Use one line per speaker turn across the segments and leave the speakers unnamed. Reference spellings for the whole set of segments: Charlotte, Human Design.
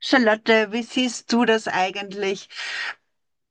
Charlotte, wie siehst du das eigentlich?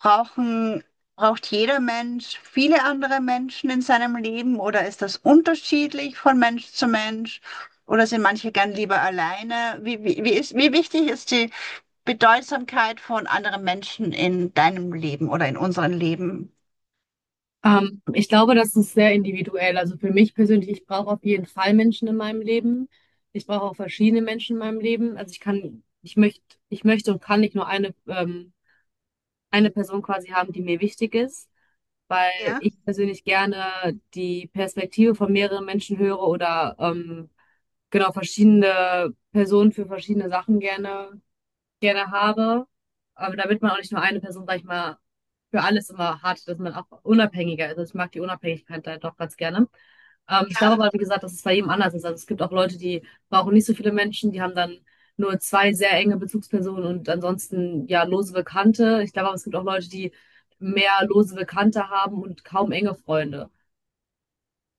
Brauchen, braucht jeder Mensch viele andere Menschen in seinem Leben oder ist das unterschiedlich von Mensch zu Mensch? Oder sind manche gern lieber alleine? Wie wichtig ist die Bedeutsamkeit von anderen Menschen in deinem Leben oder in unserem Leben?
Ich glaube, das ist sehr individuell. Also für mich persönlich, ich brauche auf jeden Fall Menschen in meinem Leben. Ich brauche auch verschiedene Menschen in meinem Leben. Also ich möchte und kann nicht nur eine Person quasi haben, die mir wichtig ist, weil
Ja.
ich persönlich gerne die Perspektive von mehreren Menschen höre oder genau verschiedene Personen für verschiedene Sachen gerne habe, aber damit man auch nicht nur eine Person, sag ich mal, für alles immer hat, dass man auch unabhängiger ist. Also ich mag die Unabhängigkeit da doch ganz gerne. Ich glaube aber, wie gesagt, dass es bei jedem anders ist. Also es gibt auch Leute, die brauchen nicht so viele Menschen, die haben dann nur zwei sehr enge Bezugspersonen und ansonsten ja lose Bekannte. Ich glaube aber, es gibt auch Leute, die mehr lose Bekannte haben und kaum enge Freunde.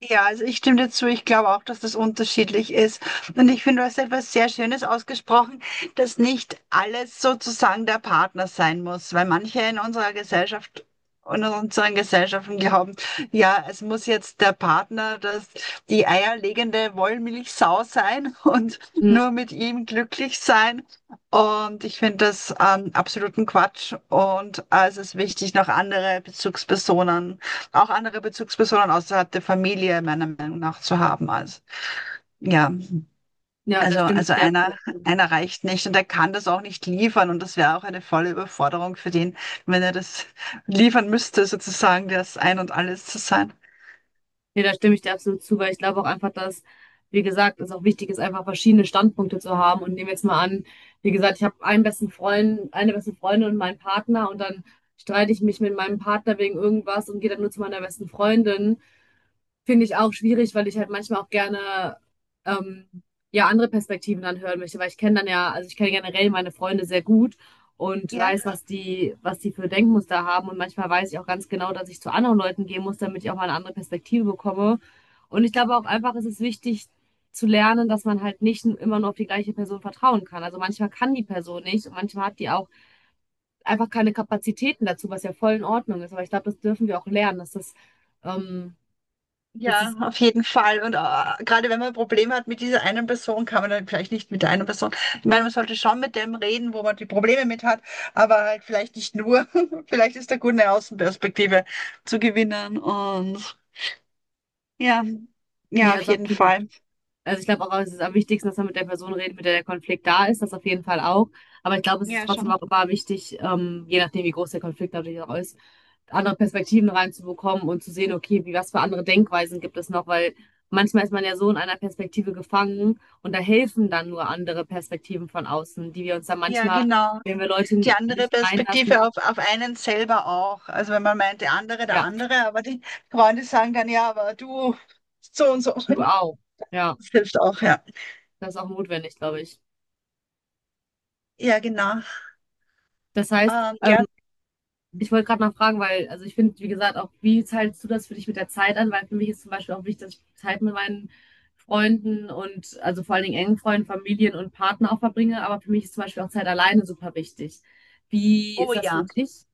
Ja, also ich stimme dazu. Ich glaube auch, dass das unterschiedlich ist. Und ich finde, du hast etwas sehr Schönes ausgesprochen, dass nicht alles sozusagen der Partner sein muss, weil manche in unserer Gesellschaft und in unseren Gesellschaften glauben, ja, es muss jetzt der Partner, das die eierlegende Wollmilchsau sein und
Hm,
nur mit ihm glücklich sein. Und ich finde das absoluten Quatsch. Und es ist wichtig, noch andere Bezugspersonen auch andere Bezugspersonen außerhalb der Familie meiner Meinung nach zu haben. Also, ja,
ja, da
also,
stimme ich
also
dir.
einer, einer reicht nicht und er kann das auch nicht liefern und das wäre auch eine volle Überforderung für den, wenn er das liefern müsste, sozusagen das Ein und Alles zu sein.
Nee, da stimme ich dir absolut zu, weil ich glaube auch einfach, dass, wie gesagt, es auch wichtig ist, einfach verschiedene Standpunkte zu haben. Und nehmen wir jetzt mal an, wie gesagt, ich habe einen besten Freund, eine beste Freundin und meinen Partner und dann streite ich mich mit meinem Partner wegen irgendwas und gehe dann nur zu meiner besten Freundin. Finde ich auch schwierig, weil ich halt manchmal auch gerne ähm, ja andere Perspektiven dann hören möchte, weil ich kenne dann ja, also ich kenne generell meine Freunde sehr gut und
Ja,
weiß, was die für Denkmuster haben und manchmal weiß ich auch ganz genau, dass ich zu anderen Leuten gehen muss, damit ich auch mal eine andere Perspektive bekomme. Und ich glaube auch einfach, es ist wichtig zu lernen, dass man halt nicht immer nur auf die gleiche Person vertrauen kann. Also manchmal kann die Person nicht und manchmal hat die auch einfach keine Kapazitäten dazu, was ja voll in Ordnung ist. Aber ich glaube, das dürfen wir auch lernen, ähm, dass
ja,
es
auf jeden Fall. Und gerade wenn man Probleme hat mit dieser einen Person, kann man dann vielleicht nicht mit der einen Person. Ich meine, man sollte schon mit dem reden, wo man die Probleme mit hat, aber halt vielleicht nicht nur. Vielleicht ist da gut, eine Außenperspektive zu gewinnen. Und ja,
Nee,
ja, auf
also
jeden
absolut.
Fall.
Also ich glaube auch, es ist am wichtigsten, dass man mit der Person redet, mit der der Konflikt da ist, das auf jeden Fall auch. Aber ich glaube, es ist
Ja,
trotzdem
schon.
auch immer wichtig, je nachdem, wie groß der Konflikt natürlich auch ist, andere Perspektiven reinzubekommen und zu sehen, okay, was für andere Denkweisen gibt es noch, weil manchmal ist man ja so in einer Perspektive gefangen und da helfen dann nur andere Perspektiven von außen, die wir uns dann
Ja,
manchmal,
genau.
wenn wir
Die
Leute
andere
nicht
Perspektive
reinlassen,
auf einen selber auch. Also wenn man meint, der andere, der
ja,
andere, aber die Freunde sagen dann, ja, aber du so und so.
du auch. Ja,
Das hilft auch, ja.
das ist auch notwendig, glaube ich.
Ja, genau.
Das heißt,
Ja.
ich wollte gerade noch fragen, weil, also ich finde, wie gesagt, auch wie teilst du das für dich mit der Zeit an? Weil für mich ist zum Beispiel auch wichtig, dass ich Zeit mit meinen Freunden und also vor allen Dingen engen Freunden, Familien und Partner auch verbringe. Aber für mich ist zum Beispiel auch Zeit alleine super wichtig. Wie
Oh
ist das für
ja.
dich?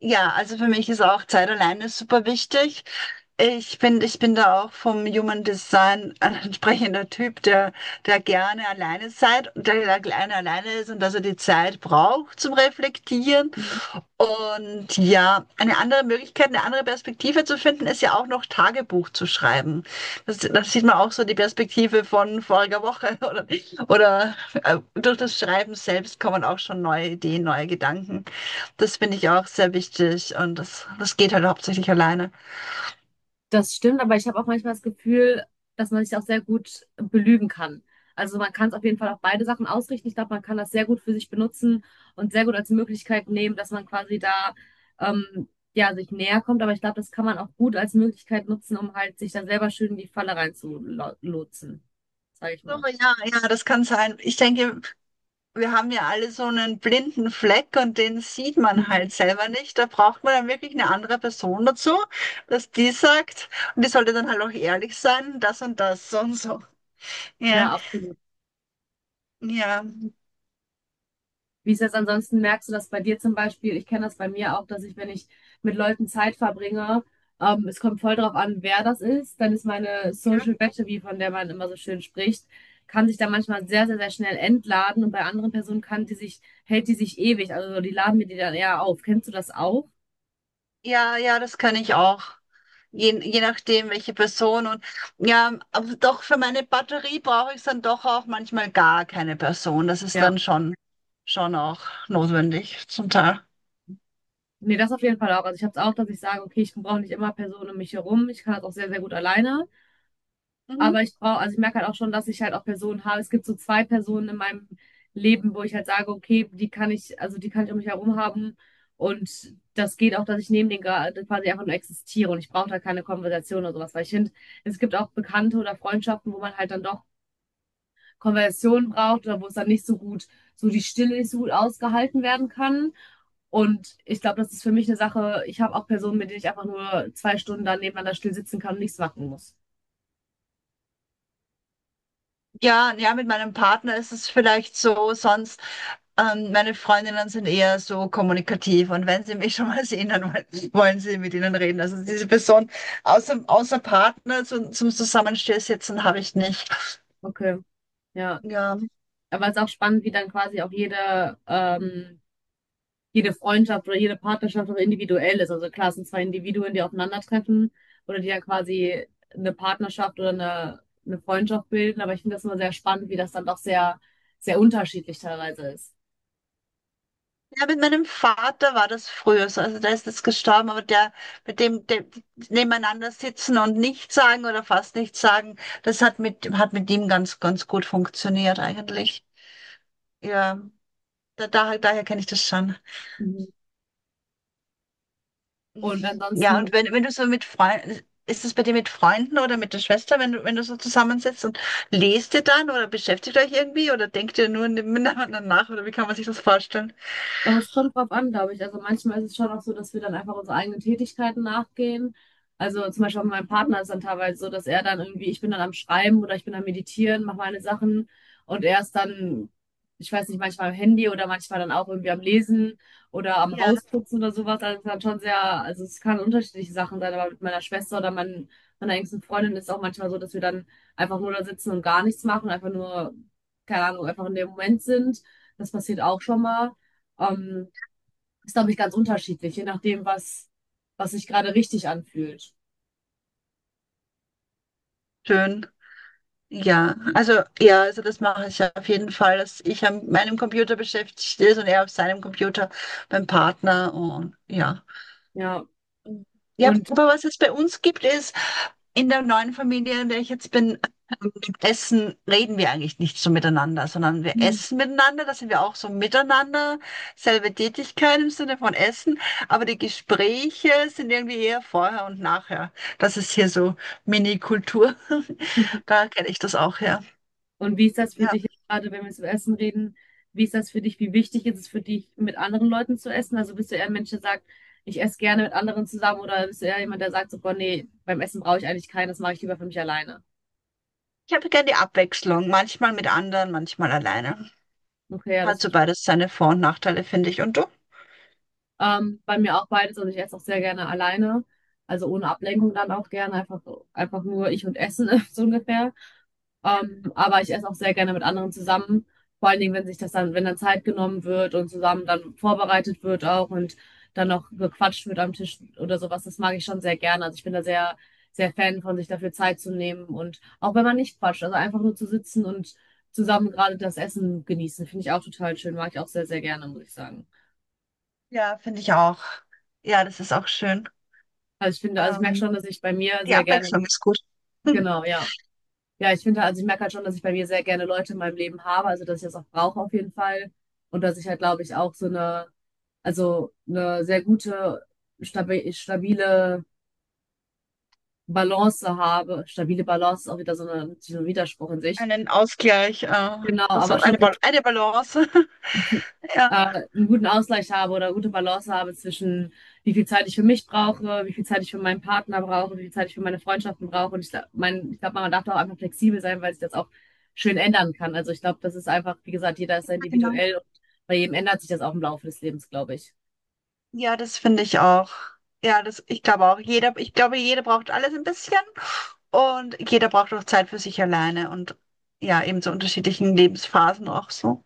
Ja, also für mich ist auch Zeit alleine super wichtig. Ich bin da auch vom Human Design ein entsprechender Typ, der gerne alleine seid, der gerne alleine ist und dass er die Zeit braucht zum Reflektieren. Und ja, eine andere Möglichkeit, eine andere Perspektive zu finden, ist ja auch noch Tagebuch zu schreiben. Das sieht man auch so die Perspektive von voriger Woche oder durch das Schreiben selbst kommen auch schon neue Ideen, neue Gedanken. Das finde ich auch sehr wichtig und das geht halt hauptsächlich alleine.
Das stimmt, aber ich habe auch manchmal das Gefühl, dass man sich auch sehr gut belügen kann. Also man kann es auf jeden Fall auf beide Sachen ausrichten. Ich glaube, man kann das sehr gut für sich benutzen und sehr gut als Möglichkeit nehmen, dass man quasi da ähm, ja sich näher kommt. Aber ich glaube, das kann man auch gut als Möglichkeit nutzen, um halt sich da selber schön in die Falle reinzulotsen, sage ich
So,
mal.
ja, ja, das kann sein. Ich denke, wir haben ja alle so einen blinden Fleck und den sieht man halt
Mhm.
selber nicht. Da braucht man dann wirklich eine andere Person dazu, dass die sagt, und die sollte dann halt auch ehrlich sein, das und das, so und so. Ja,
Ja, absolut.
ja,
Wie ist das ansonsten? Merkst du das bei dir zum Beispiel? Ich kenne das bei mir auch, dass ich, wenn ich mit Leuten Zeit verbringe, es kommt voll drauf an, wer das ist. Dann ist meine
ja,
Social Battery, von der man immer so schön spricht, kann sich da manchmal sehr, sehr, sehr schnell entladen und bei anderen Personen kann hält die sich ewig. Also so, die laden mir die dann eher auf. Kennst du das auch?
ja, ja, das kann ich auch. Je nachdem, welche Person und ja, aber doch für meine Batterie brauche ich dann doch auch manchmal gar keine Person. Das ist
Ja.
dann schon auch notwendig zum Teil.
Nee, das auf jeden Fall auch. Also ich habe es auch, dass ich sage, okay, ich brauche nicht immer Personen um mich herum. Ich kann das auch sehr, sehr gut alleine.
Mhm.
Aber ich brauche, also ich merke halt auch schon, dass ich halt auch Personen habe. Es gibt so zwei Personen in meinem Leben, wo ich halt sage, okay, also die kann ich um mich herum haben. Und das geht auch, dass ich neben denen gerade quasi einfach nur existiere und ich brauche da keine Konversation oder sowas. Weil ich finde, es gibt auch Bekannte oder Freundschaften, wo man halt dann doch Konversationen braucht oder wo es dann nicht so gut, so die Stille nicht so gut ausgehalten werden kann. Und ich glaube, das ist für mich eine Sache. Ich habe auch Personen, mit denen ich einfach nur zwei Stunden dann nebeneinander still sitzen kann und nichts machen muss.
Ja, ja, mit meinem Partner ist es vielleicht so, sonst meine Freundinnen sind eher so kommunikativ und wenn sie mich schon mal sehen, dann wollen sie mit ihnen reden. Also diese Person außer Partner zum Zusammenstehsitzen habe ich nicht.
Okay, ja.
Ja.
Aber es ist auch spannend, wie dann quasi auch jede Freundschaft oder jede Partnerschaft auch individuell ist. Also klar, es sind zwei Individuen, die aufeinandertreffen oder die dann quasi eine Partnerschaft oder eine Freundschaft bilden. Aber ich finde das immer sehr spannend, wie das dann doch sehr, sehr unterschiedlich teilweise ist.
Ja, mit meinem Vater war das früher so. Also der ist jetzt gestorben, aber der mit dem nebeneinander sitzen und nichts sagen oder fast nichts sagen, das hat mit ihm ganz gut funktioniert eigentlich. Ja, daher kenne ich das schon.
Mhm. Und
Mhm. Ja, und
ansonsten
wenn du so mit Freunden, ist es bei dir mit Freunden oder mit der Schwester, wenn du so zusammensitzt und lest ihr dann oder beschäftigt euch irgendwie oder denkt ihr nur miteinander nach oder wie kann man sich das vorstellen?
aber es kommt drauf an, glaube ich. Also manchmal ist es schon auch so, dass wir dann einfach unsere eigenen Tätigkeiten nachgehen. Also zum Beispiel auch mit meinem Partner ist dann teilweise so, dass er dann irgendwie, ich bin dann am Schreiben oder ich bin am Meditieren, mache meine Sachen und er ist dann, ich weiß nicht, manchmal am Handy oder manchmal dann auch irgendwie am Lesen oder am
Ja,
Hausputzen oder sowas. Also es ist dann schon sehr, also es kann unterschiedliche Sachen sein, aber mit meiner Schwester meiner engsten Freundin ist es auch manchmal so, dass wir dann einfach nur da sitzen und gar nichts machen, einfach nur, keine Ahnung, einfach in dem Moment sind. Das passiert auch schon mal. Ähm, Ist, glaube ich, ganz unterschiedlich, was sich gerade richtig anfühlt.
schön. Ja, also das mache ich auf jeden Fall, dass ich an meinem Computer beschäftigt ist und er auf seinem Computer beim Partner und ja.
Ja,
Ja,
und,
aber was es bei uns gibt, ist in der neuen Familie, in der ich jetzt bin, Essen reden wir eigentlich nicht so miteinander, sondern wir
mhm,
essen miteinander, da sind wir auch so miteinander, selbe Tätigkeit im Sinne von Essen, aber die Gespräche sind irgendwie eher vorher und nachher. Das ist hier so Mini-Kultur. Da kenne ich das auch her.
und wie ist das für
Ja.
dich jetzt gerade, wenn wir jetzt über Essen reden? Wie ist das für dich? Wie wichtig ist es für dich, mit anderen Leuten zu essen? Also bist du eher ein Mensch, der sagt, ich esse gerne mit anderen zusammen oder bist du eher jemand, der sagt so, boah, nee, beim Essen brauche ich eigentlich keinen, das mache ich lieber für mich alleine.
Ich habe gerne die Abwechslung, manchmal mit anderen, manchmal alleine.
Okay, ja, das
Hat so
verstehe
beides
ich.
seine Vor- und Nachteile, finde ich. Und du?
Bei mir auch beides, also ich esse auch sehr gerne alleine, also ohne Ablenkung dann auch gerne, einfach nur ich und Essen, so ungefähr. Aber ich esse auch sehr gerne mit anderen zusammen. Vor allen Dingen, wenn sich das dann, wenn dann Zeit genommen wird und zusammen dann vorbereitet wird auch und dann noch gequatscht wird am Tisch oder sowas, das mag ich schon sehr gerne. Also ich bin da sehr, sehr Fan von, sich dafür Zeit zu nehmen und auch wenn man nicht quatscht, also einfach nur zu sitzen und zusammen gerade das Essen genießen, finde ich auch total schön, mag ich auch sehr, sehr gerne, muss ich sagen.
Ja, finde ich auch. Ja, das ist auch schön.
Also ich finde, also ich merke
Ähm,
schon, dass ich bei mir
die
sehr gerne,
Abwechslung ist gut.
genau, ja. Ja, ich finde, also ich merke halt schon, dass ich bei mir sehr gerne Leute in meinem Leben habe, also dass ich das auch brauche auf jeden Fall. Und dass ich halt, glaube ich, auch so also eine sehr gute, stabile Balance habe. Stabile Balance ist auch wieder so, so ein Widerspruch in sich.
einen Ausgleich,
Genau, aber
also
schon
eine, Bal eine Balance. Ja,
einen guten Ausgleich habe oder gute Balance habe zwischen wie viel Zeit ich für mich brauche, wie viel Zeit ich für meinen Partner brauche, wie viel Zeit ich für meine Freundschaften brauche. Und ich glaube, ich glaube, man darf da auch einfach flexibel sein, weil sich das auch schön ändern kann. Also ich glaube, das ist einfach, wie gesagt, jeder ist sehr
genau.
individuell und bei jedem ändert sich das auch im Laufe des Lebens, glaube ich.
Ja, das finde ich auch. Ja, das, ich glaube auch. Jeder, ich glaube, jeder braucht alles ein bisschen und jeder braucht auch Zeit für sich alleine und ja, eben zu unterschiedlichen Lebensphasen auch so.